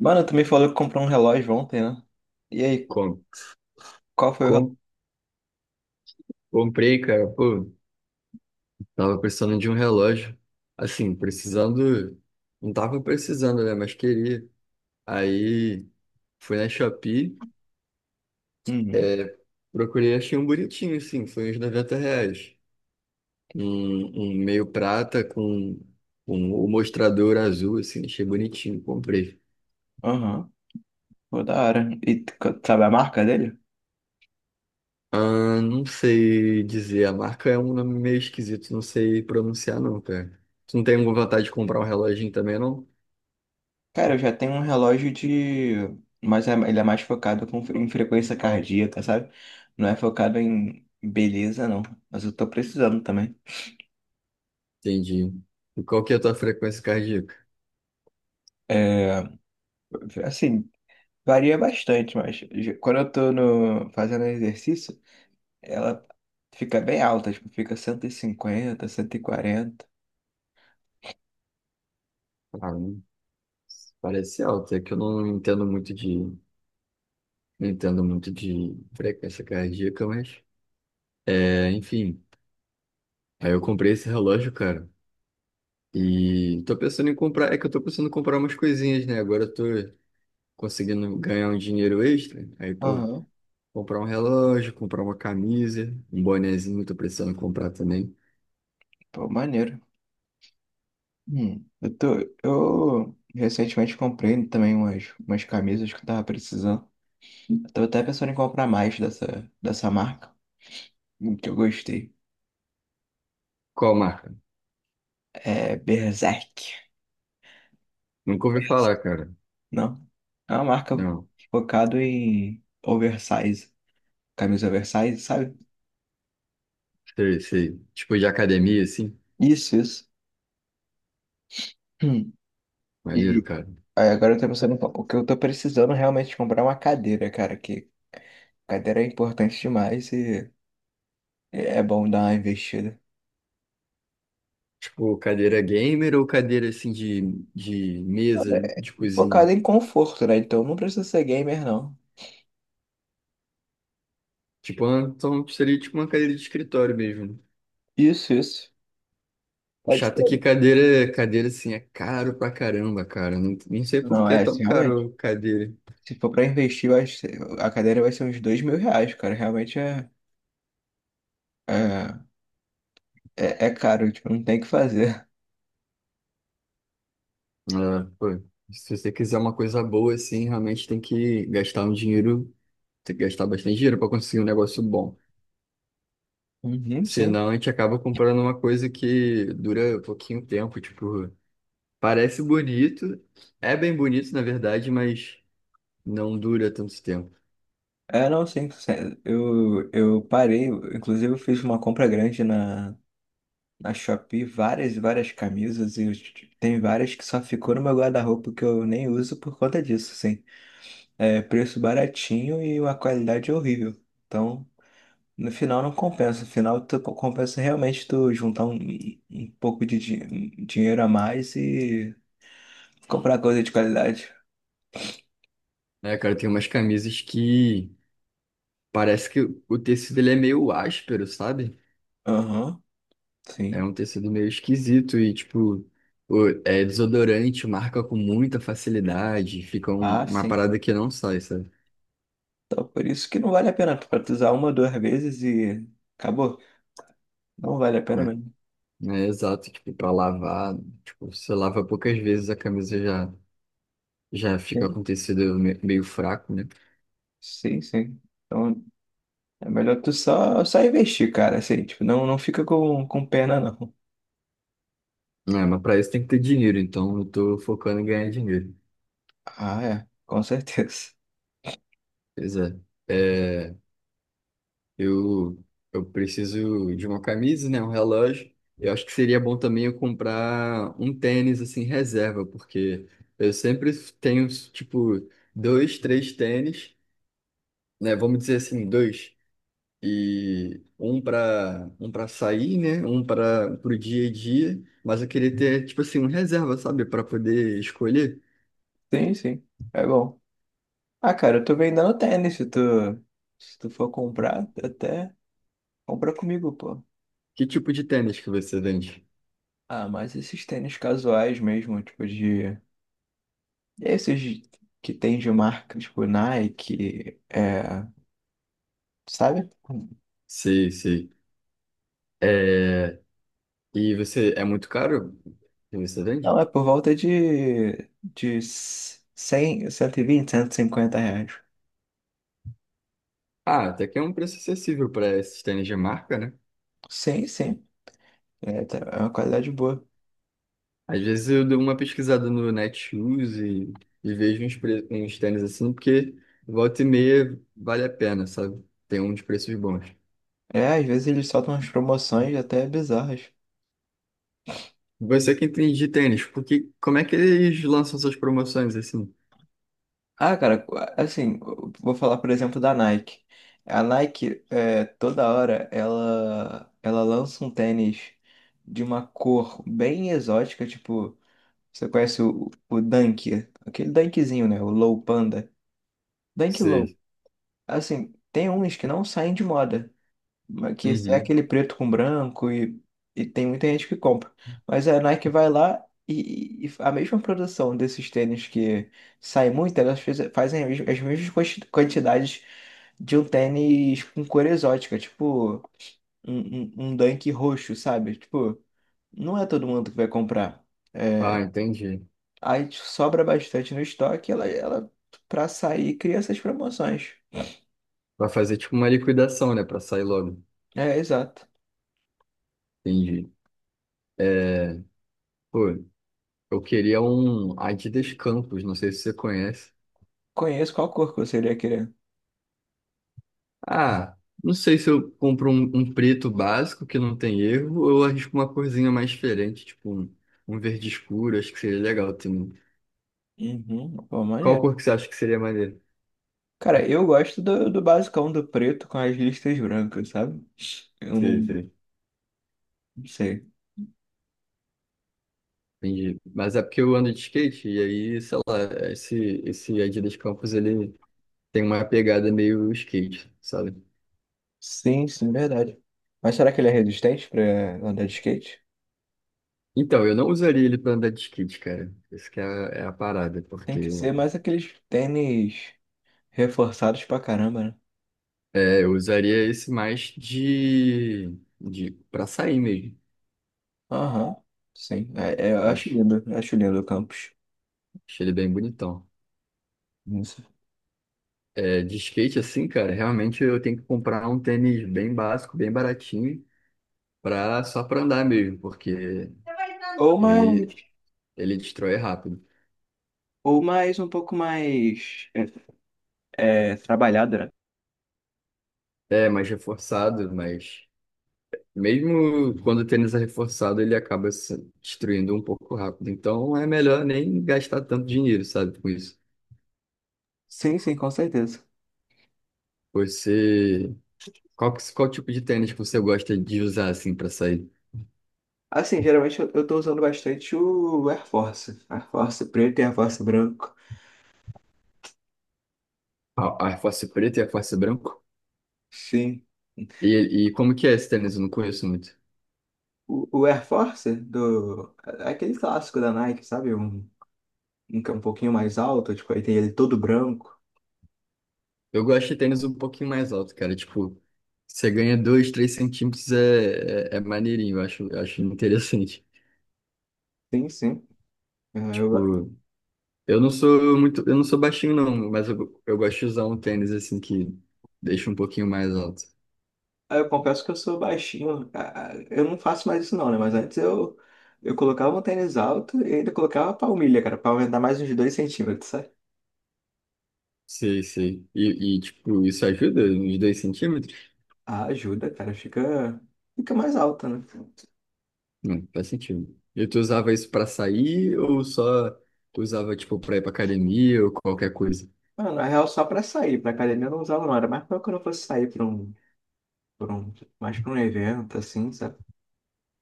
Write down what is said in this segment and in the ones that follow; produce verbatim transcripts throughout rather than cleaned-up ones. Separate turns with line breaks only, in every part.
Mano, tu me falou que comprou um relógio ontem, né? E aí,
Com,
qual foi o relógio?
com, comprei, cara, pô, tava precisando de um relógio. Assim, precisando, não tava precisando, né, mas queria. Aí fui na Shopee,
Hum,
é, procurei, achei um bonitinho, assim, foi uns noventa reais. Um, um meio prata com um, o mostrador azul, assim, achei bonitinho, comprei.
aham, pô, da hora. E tu co- sabe a marca dele?
Ah, não sei dizer, a marca é um nome meio esquisito, não sei pronunciar não, cara. Tu não tem vontade de comprar um reloginho também, não?
Cara, eu já tenho um relógio de. Mas é- ele é mais focado com, em frequência cardíaca, sabe? Não é focado em beleza, não. Mas eu tô precisando também.
Entendi. E qual que é a tua frequência cardíaca?
É, assim, varia bastante, mas ge- quando eu tô no, fazendo exercício, ela fica bem alta, tipo, fica cento e cinquenta, cento e quarenta.
Ah, não- parece alta, é que eu não entendo muito de, não entendo muito de frequência cardíaca, mas é, enfim. Aí eu comprei esse relógio, cara. E tô pensando em comprar, é que eu tô pensando em comprar umas coisinhas, né? Agora eu tô conseguindo ganhar um dinheiro extra. Aí, pô,
Aham,
comprar um relógio, comprar uma camisa, um bonezinho, tô precisando comprar também.
pô, maneiro. Hum, eu tô, eu recentemente comprei também umas, umas camisas que eu tava precisando. Eu tava até pensando em comprar mais dessa, dessa marca, um que eu gostei.
Qual marca?
É Berserk.
Nunca ouvi falar, cara.
Não, é uma marca
Não.
focada em oversize, camisa oversize, sabe?
Sei, sei. Tipo de academia, assim.
Isso, isso. Hum.
Maneiro,
E
cara.
aí agora eu tô pensando, o que eu tô precisando realmente é comprar é uma cadeira, cara, que cadeira é importante demais e é bom dar uma investida.
Tipo, cadeira gamer ou cadeira assim de, de mesa de cozinha?
Focado em conforto, né? Então não precisa ser gamer, não.
Tipo, uma- então seria tipo uma cadeira de escritório mesmo.
Isso, isso. Pode
Chato é que
ser.
cadeira, cadeira assim é caro pra caramba, cara. Não, nem sei por
Não,
que é
é,
tão
assim, realmente.
caro cadeira.
Se for pra investir, eu acho que a cadeira vai ser uns dois mil reais, cara. Realmente é, é, é, é caro, tipo, não tem o que fazer.
Ah, pô. Se você quiser uma coisa boa, assim, realmente tem que gastar um dinheiro, tem que gastar bastante dinheiro pra conseguir um negócio bom.
Uhum, sim.
Senão a gente acaba comprando uma coisa que dura pouquinho tempo, tipo, parece bonito, é bem bonito na verdade, mas não dura tanto tempo.
É, não, sim, sim. Eu, eu parei, eu- inclusive eu fiz uma compra grande na, na Shopee, várias e várias camisas, e eu- t- tem várias que só ficou no meu guarda-roupa que eu nem uso por conta disso, sim. É preço baratinho e uma qualidade é horrível. Então, no final não compensa. No final tu compensa realmente tu juntar um, um um pouco de din- dinheiro a mais e comprar coisa de qualidade.
É, cara, tem umas camisas que parece que o tecido ele é meio áspero, sabe?
Aham,
É
sim.
um tecido meio esquisito e, tipo, o- é desodorante, marca com muita facilidade, fica um-
Ah,
uma
sim.
parada que não sai, sabe?
Então por isso que não vale a pena pra tu usar uma, duas vezes e acabou. Não vale a pena mesmo.
É, é exato, tipo, pra lavar, tipo, você lava poucas vezes a camisa já, já fica
Sim,
com tecido me- meio fraco, né?
sim, sim. Então é melhor tu só, só investir, cara. Assim, tipo, não, não fica com, com pena, não.
É, mas pra isso tem que ter dinheiro, então eu tô focando em ganhar dinheiro.
Ah, é. Com certeza.
Pois é. É, Eu, eu preciso de uma camisa, né? Um relógio. Eu acho que seria bom também eu comprar um tênis, assim, reserva, porque eu sempre tenho, tipo, dois, três tênis, né? Vamos dizer assim, dois. E um para um para sair, né? Um para o dia a dia. Mas eu queria ter, tipo assim, um reserva, sabe? Para poder escolher
Sim, sim. É bom. Ah, cara, eu tô vendendo tênis, se tu, se tu for comprar, até compra comigo, pô.
que tipo de tênis que você vende.
Ah, mas esses tênis casuais mesmo, tipo de... Esses que tem de marca, tipo Nike, é... Sabe?
Sei, sei. É... E você, é muito caro que você
Não,
vende?
é por volta de... De cem, cento e vinte, cento e cinquenta reais.
Ah, até que é um preço acessível para esses tênis de marca, né?
Sim, sim. É, tá- é uma qualidade boa.
Às vezes eu dou uma pesquisada no Netshoes e, e vejo uns, pre- uns tênis assim, porque volta e meia vale a pena, sabe? Tem uns preços bons.
É, às vezes eles soltam umas promoções até bizarras.
Você que entende de tênis, porque como é que eles lançam essas promoções assim?
Ah, cara, assim, vou falar, por exemplo, da Nike. A Nike, é, toda hora, ela, ela lança um tênis de uma cor bem exótica, tipo, você conhece o, o Dunk, aquele Dunkzinho, né? O Low Panda. Dunk Low.
Sei.
Assim, tem uns que não saem de moda. Que é
Uhum.
aquele preto com branco e, e tem muita gente que compra. Mas é, a Nike vai lá e, e a mesma produção desses tênis que sai muito, elas fez- fazem as mes- as mesmas quanti- quantidades de um tênis com cor exótica, tipo um, um, um Dunk roxo, sabe? Tipo, não é todo mundo que vai comprar.
Ah, entendi.
Aí sobra bastante no estoque, ela, ela pra sair cria essas promoções.
Vai fazer tipo uma liquidação, né? Pra sair logo.
É, exato.
Entendi. Pô, eu queria um Adidas Campos, não sei se você conhece.
Conheço. Qual cor que você iria querer?
Ah, não sei se eu compro um, um preto básico que não tem erro, ou eu arrisco uma corzinha mais diferente, tipo um, um verde escuro, acho que seria legal também.
Uhum, pô,
Qual
maneiro.
cor que você acha que seria maneiro?
Cara, eu gosto do, do basicão do preto com as listas brancas, sabe? Eu
Sei,
não,
sei.
não sei.
Entendi. Mas é porque eu ando de skate, e aí, sei lá, esse, esse Adidas Campos, ele tem uma pegada meio skate, sabe?
Sim, sim, verdade. Mas será que ele é resistente pra andar de skate?
Então, eu não usaria ele pra andar de skate, cara. Essa que é a, é a parada,
Tem
porque
que ser mais aqueles tênis reforçados pra caramba, né?
é, eu usaria esse mais de, de, para sair mesmo,
Aham, sim. É, é, eu acho
acho.
lindo, eu acho lindo o campus.
Achei ele bem bonitão.
Não.
É, de skate assim, cara, realmente eu tenho que comprar um tênis bem básico, bem baratinho, pra, só pra andar mesmo, porque
Ou mais,
ele, ele destrói rápido.
ou mais um pouco mais é, é, trabalhado, né?
É, mais reforçado, mas mesmo quando o tênis é reforçado, ele acaba se destruindo um pouco rápido. Então é melhor nem gastar tanto dinheiro, sabe, com isso.
Sim, sim, com certeza.
Você. Qual, que- qual tipo de tênis que você gosta de usar assim pra sair?
Assim, geralmente eu, eu tô usando bastante o Air Force. Air Force preto e Air Force branco.
A, a Air Force preta e a Air Force branco?
Sim.
E, e como que é esse tênis? Eu não conheço muito.
O, o Air Force do. É aquele clássico da Nike, sabe? Um, um que é um pouquinho mais alto, tipo, aí tem ele todo branco.
Eu gosto de tênis um pouquinho mais alto, cara. Tipo, você ganha dois, três centímetros é, é, é maneirinho, eu acho, eu acho interessante.
Sim, sim. É, Eu,
Tipo, eu não sou muito, eu não sou baixinho não, mas eu, eu gosto de usar um tênis assim que deixa um pouquinho mais alto.
eu confesso que eu sou baixinho. Ah, ah, Eu não faço mais isso não, né? Mas antes eu, eu colocava um tênis alto e ainda colocava palmilha, cara, pra aumentar mais uns dois centímetros, sabe?
Sei, sei. E, e, tipo, isso ajuda uns dois centímetros?
Ah, ajuda, cara. Fica, fica mais alta, né?
Não, faz sentido. E tu usava isso pra sair ou só usava, tipo, pra ir pra academia ou qualquer coisa?
Mano, na real, só pra sair, pra academia eu não usava não. Era mais pra quando eu fosse sair pra um, pra um, mais pra um evento, assim, sabe?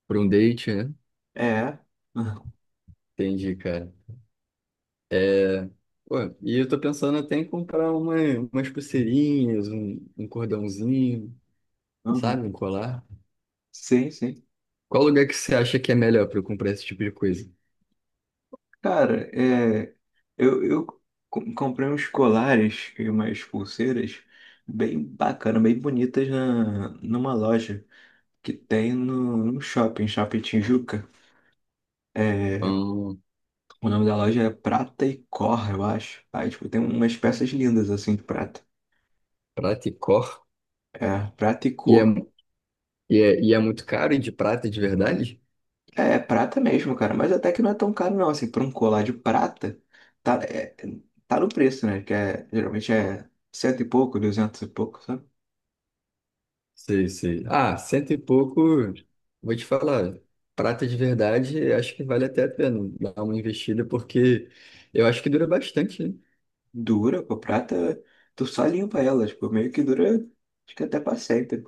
Pra um date, né?
É.
Entendi, cara. Pô, e eu tô pensando até em comprar uma, umas pulseirinhas, um, um cordãozinho,
Aham.
sabe? Um colar.
Sim, sim.
Qual lugar que você acha que é melhor pra eu comprar esse tipo de coisa?
Cara, é, eu, eu co- comprei uns colares e umas pulseiras bem bacana, bem bonitas na, numa loja que tem no, no shopping, Shopping Tijuca. É,
Hum,
o nome da loja é Prata e Cor, eu acho. Aí, tipo, tem umas peças lindas, assim, de prata.
Prata e Cor?
É, Prata e
E é,
Cor.
e é, e é muito caro e de prata de verdade?
É, é prata mesmo, cara. Mas até que não é tão caro, não. Assim, pra um colar de prata, tá, é, tá no preço, né? Que é, geralmente é cento e pouco, duzentos e pouco, sabe?
Sei, sei. Ah, cento e pouco, vou te falar. Prata de verdade, acho que vale até a pena dar uma investida, porque eu acho que dura bastante, né?
Dura, com prata, tu só limpa ela. Tipo, meio que dura, acho que até pra sempre.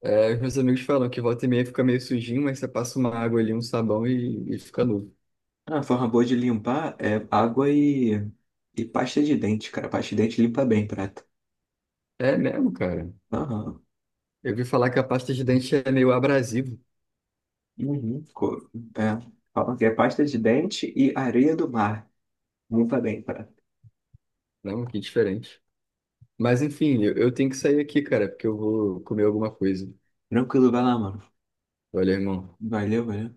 É, os meus amigos falam que volta e meia fica meio sujinho, mas você passa uma água ali, um sabão e, e fica novo.
Ah, uma forma boa de limpar é água e, e pasta de dente, cara. Pasta de dente limpa bem prata.
É mesmo, cara.
Aham.
Eu vi falar que a pasta de dente é meio abrasivo.
Uhum. Co- É. Falam que é pasta de dente e areia do mar. Limpa bem, prata.
Não, que diferente. Mas enfim, eu, eu tenho que sair aqui, cara, porque eu vou comer alguma coisa.
Tranquilo, vai lá, mano.
Valeu, irmão.
Valeu, valeu.